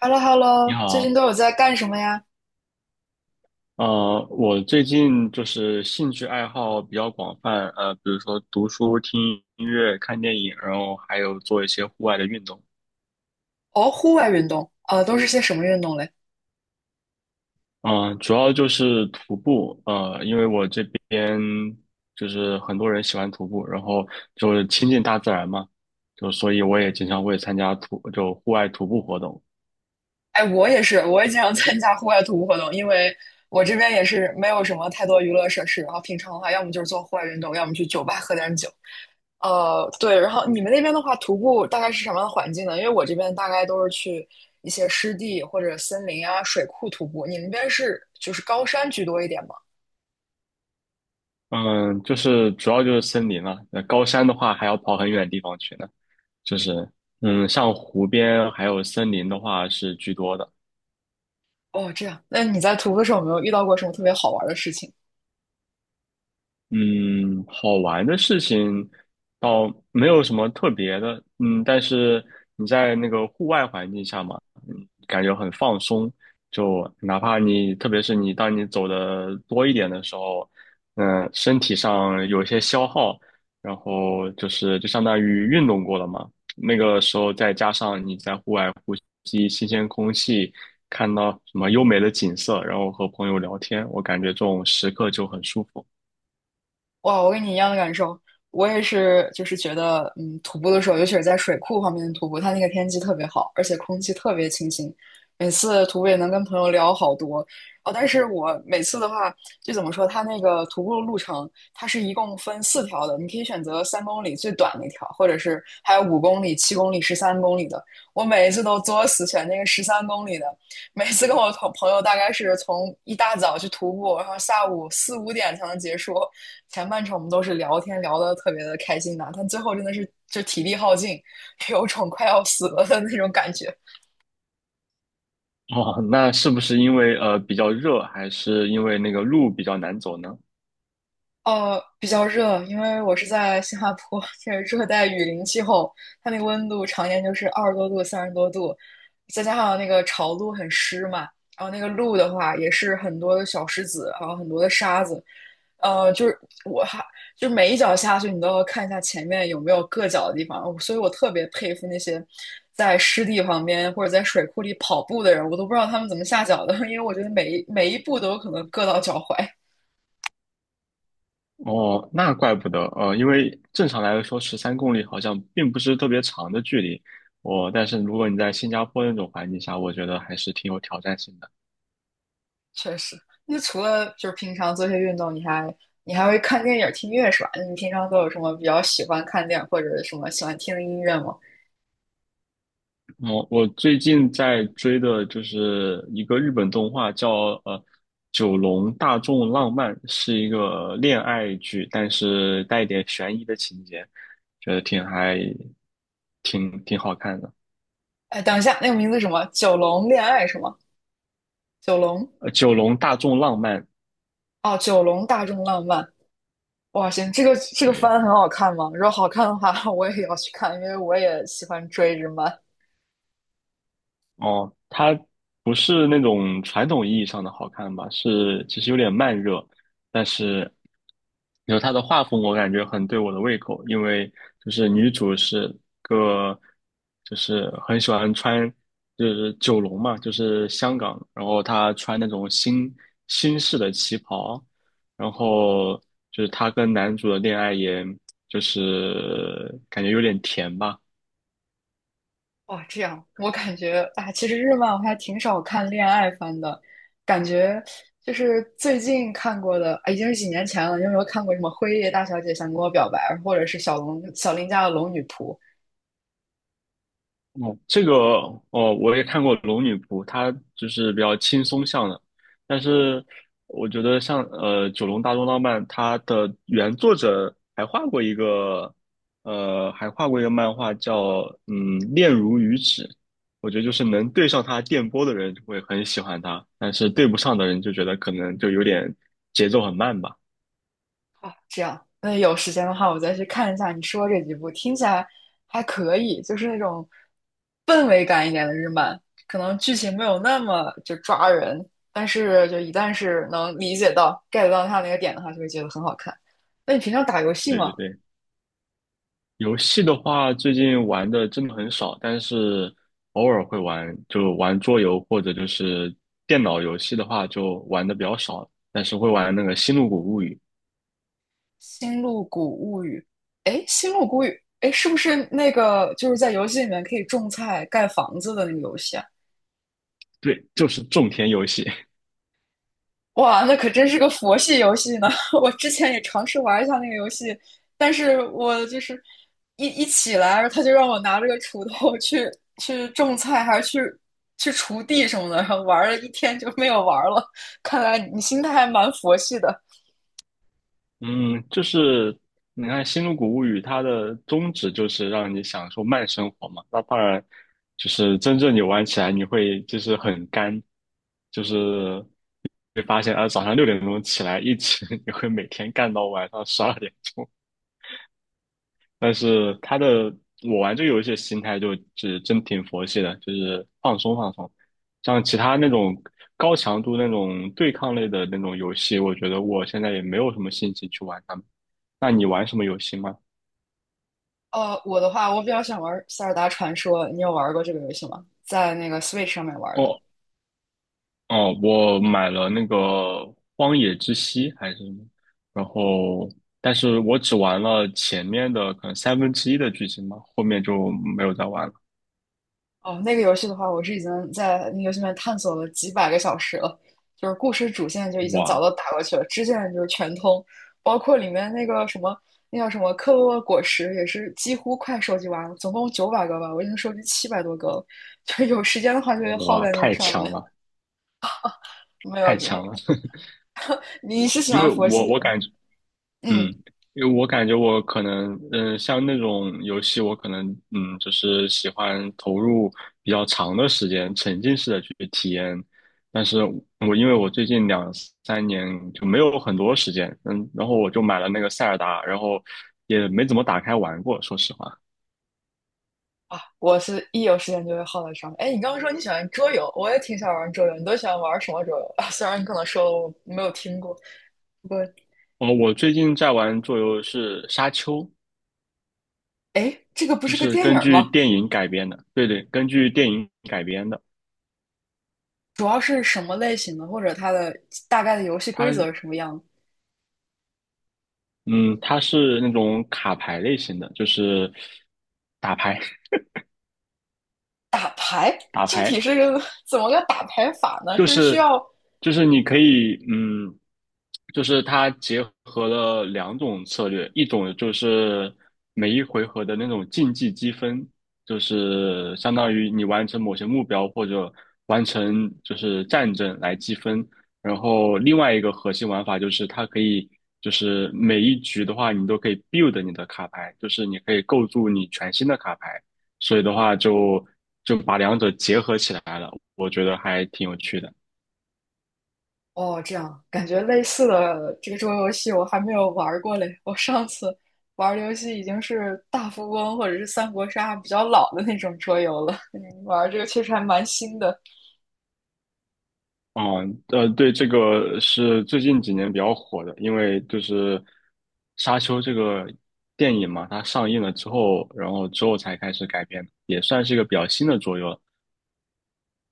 h e l l o h e l l 你 o 最近好，都有在干什么呀？我最近就是兴趣爱好比较广泛，比如说读书、听音乐、看电影，然后还有做一些户外的运动。哦，户外运动，都是些什么运动嘞？嗯、主要就是徒步，因为我这边就是很多人喜欢徒步，然后就是亲近大自然嘛，就所以我也经常会参加户外徒步活动。哎，我也是，我也经常参加户外徒步活动，因为我这边也是没有什么太多娱乐设施，然后平常的话，要么就是做户外运动，要么去酒吧喝点酒。呃，对，然后你们那边的话，徒步大概是什么样的环境呢？因为我这边大概都是去一些湿地或者森林啊、水库徒步，你们那边是高山居多一点吗？嗯、就是主要就是森林了，那高山的话还要跑很远的地方去呢。就是嗯，像湖边还有森林的话是居多的。哦，这样，那你在徒步的时候有没有遇到过什么特别好玩的事情？嗯，好玩的事情倒没有什么特别的。嗯，但是你在那个户外环境下嘛，嗯，感觉很放松。就哪怕你，特别是你当你走的多一点的时候，身体上有一些消耗，然后就相当于运动过了嘛，那个时候再加上你在户外呼吸新鲜空气，看到什么优美的景色，然后和朋友聊天，我感觉这种时刻就很舒服。哇，我跟你一样的感受，我也是，就是觉得，嗯，徒步的时候，尤其是在水库旁边徒步，它那个天气特别好，而且空气特别清新，每次徒步也能跟朋友聊好多。哦，但是我每次的话，就怎么说，它那个徒步的路程，它是一共分四条的，你可以选择三公里最短那条，或者是还有5公里、7公里、十三公里的。我每一次都作死选那个十三公里的，每次跟我同朋友大概是从一大早去徒步，然后下午4、5点才能结束。前半程我们都是聊天聊得特别的开心的，但最后真的是就体力耗尽，有种快要死了的那种感觉。哦，那是不是因为比较热，还是因为那个路比较难走呢？呃，比较热，因为我是在新加坡，这是热带雨林气候，它那个温度常年就是20多度、30多度，再加上那个潮路很湿嘛，然后那个路的话也是很多的小石子，还有很多的沙子，呃，就是我还就是每一脚下去，你都要看一下前面有没有硌脚的地方，所以我特别佩服那些在湿地旁边或者在水库里跑步的人，我都不知道他们怎么下脚的，因为我觉得每一步都有可能硌到脚踝。哦，那怪不得，因为正常来说13公里好像并不是特别长的距离，但是如果你在新加坡那种环境下，我觉得还是挺有挑战性的。确实。那除了就是平常做些运动，你还会看电影、听音乐是吧？你平常都有什么比较喜欢看电影或者什么喜欢听的音乐吗？哦，我最近在追的就是一个日本动画叫呃《九龙大众浪漫》，是一个恋爱剧，但是带一点悬疑的情节，觉得挺还挺挺好看的。哎，等一下，那个名字什么？九龙恋爱是吗？九龙九龙大众浪漫，哦，九龙大众浪漫。哇，行，这个对，番很好看吗？如果好看的话，我也要去看，因为我也喜欢追日漫。哦，它不是那种传统意义上的好看吧，是其实有点慢热，但是有它的画风，我感觉很对我的胃口，因为就是女主是个，就是很喜欢穿，就是九龙嘛，就是香港，然后她穿那种新式的旗袍，然后就是她跟男主的恋爱也。就是感觉有点甜吧。哇，这样我感觉啊，其实日漫我还挺少看恋爱番的，感觉就是最近看过的，啊，已经是几年前了。你有没有看过什么《辉夜大小姐想跟我表白》，或者是小龙小林家的《龙女仆》哦，这个哦，我也看过《龙女仆》，它就是比较轻松向的，但是我觉得像《九龙大作浪漫》，它的原作者还画过一个漫画叫嗯《恋如雨止》，我觉得就是能对上它电波的人就会很喜欢它，但是对不上的人就觉得可能就有点节奏很慢吧。啊？这样，那有时间的话，我再去看一下你说这几部，听起来还可以，就是那种氛围感一点的日漫，可能剧情没有那么就抓人，但是就一旦是能理解到 get 到它那个点的话，就会觉得很好看。那你平常打游戏对对吗？《对。游戏的话，最近玩的真的很少，但是偶尔会玩，就玩桌游或者就是电脑游戏的话，就玩的比较少，但是会玩那个《星露谷物语》。星露谷物语》。哎，《星露谷物语》，哎，是不是那个就是在游戏里面可以种菜、盖房子的那个游戏啊？对，就是种田游戏。哇，那可真是个佛系游戏呢！我之前也尝试玩一下那个游戏，但是我就是一起来，他就让我拿着个锄头去去种菜，还是去去锄地什么的，然后玩了一天就没有玩了。看来你心态还蛮佛系的。嗯，就是你看《星露谷物语》，它的宗旨就是让你享受慢生活嘛。那当然，就是真正你玩起来，你会就是很干，就是会发现啊，早上6点钟起来一直，你会每天干到晚上12点。但是他的我玩这个游戏的心态就是真挺佛系的，就是放松放松。像其他那种高强度那种对抗类的那种游戏，我觉得我现在也没有什么心情去玩它们。那你玩什么游戏吗？呃，我的话，我比较想玩《塞尔达传说》，你有玩过这个游戏吗？在那个 Switch 上面玩的。哦哦，我买了那个《荒野之息》还是什么，然后但是我只玩了前面的可能三分之一的剧情吧，后面就没有再玩了。哦，那个游戏的话，我是已经在那个游戏里面探索了几百个小时了，就是故事主线就已经早哇都打过去了，支线就是全通，包括里面那个什么，那叫什么克洛沃果实，也是几乎快收集完了，总共900个吧，我已经收集700多个了，就是有时间的话就会耗哇，在那个太上强面。了，没有太你，强了！你是喜因为欢佛我系？我感觉。嗯，嗯，因为我感觉我可能，嗯、像那种游戏，我可能，嗯，就是喜欢投入比较长的时间，沉浸式的去体验。但是因为我最近2、3年就没有很多时间，嗯，然后我就买了那个塞尔达，然后也没怎么打开玩过，说实话。啊，我是一有时间就会耗在上面。哎，你刚刚说你喜欢桌游，我也挺喜欢玩桌游，你都喜欢玩什么桌游？啊虽然你可能说了我没有听过，不过。哦，我最近在玩桌游是《沙丘》，哎，这个不就是个是电影根儿据吗？电影改编的，对对，根据电影改编的。主要是什么类型的，或者它的大概的游戏规它。则是什么样的？嗯，它是那种卡牌类型的，就是打牌。 打牌 打具牌，体是个怎么个打牌法呢？就是需是要就是你可以，嗯，就是它结合了两种策略，一种就是每一回合的那种竞技积分，就是相当于你完成某些目标或者完成战争来积分，然后另外一个核心玩法就是它可以。就是每一局的话，你都可以 build 你的卡牌，就是你可以构筑你全新的卡牌，所以的话就把两者结合起来了，我觉得还挺有趣的。哦，这样感觉类似的这个桌游戏我还没有玩儿过嘞。我上次玩儿的游戏已经是大富翁或者是三国杀比较老的那种桌游了，嗯，玩儿这个确实还蛮新的。啊，对，这个是最近几年比较火的，因为就是《沙丘》这个电影嘛，它上映了之后，然后之后才开始改编，也算是一个比较新的桌游了。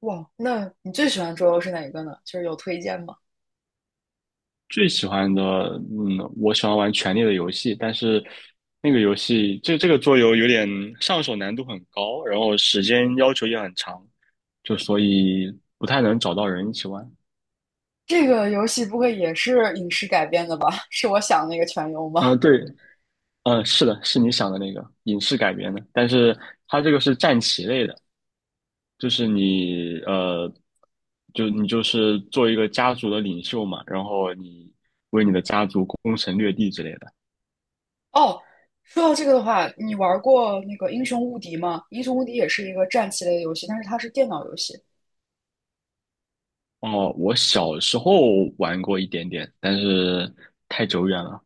哇，那你最喜欢桌游是哪个呢？就是有推荐吗？最喜欢的，嗯，我喜欢玩《权力的游戏》，但是那个游戏这个桌游有点上手难度很高，然后时间要求也很长，就所以不太能找到人一起玩。这个游戏不会也是影视改编的吧？是我想的那个全游吗？嗯，对，嗯，是的，是你想的那个影视改编的，但是它这个是战棋类的。就是你呃，就你就是做一个家族的领袖嘛，然后你为你的家族攻城略地之类的。哦，说到这个的话，你玩过那个《英雄无敌》吗？《英雄无敌》也是一个战棋类的游戏，但是它是电脑游戏。哦，我小时候玩过一点点，但是太久远了。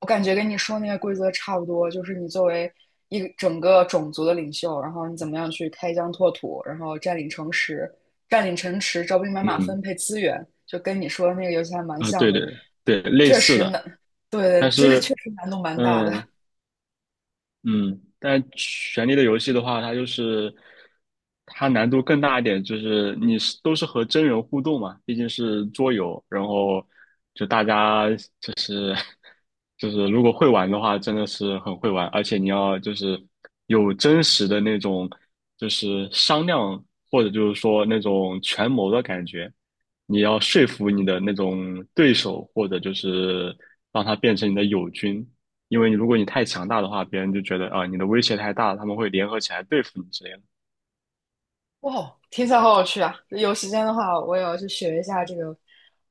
我感觉跟你说那个规则差不多，就是你作为一个整个种族的领袖，然后你怎么样去开疆拓土，然后占领城池，占领城池，招兵买马，嗯，分配资源，就跟你说的那个游戏还蛮啊，像对对的。对，类确似实的。难，对，但这个是确实难度蛮大的。嗯，嗯，但《权力的游戏》的话，它就是它难度更大一点，就是你是都是和真人互动嘛，毕竟是桌游，然后就大家就是 就是如果会玩的话，真的是很会玩，而且你要就是有真实的那种就是商量或者就是说那种权谋的感觉，你要说服你的那种对手，或者就是让他变成你的友军，因为你如果你太强大的话，别人就觉得啊、你的威胁太大了，他们会联合起来对付你之类的。哇，听起来好有趣啊！有时间的话，我也要去学一下这个。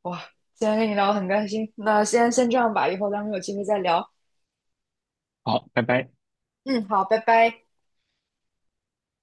哇，今天跟你聊得很开心，那先这样吧，以后咱们有机会再聊。好，拜拜。嗯，好，拜拜。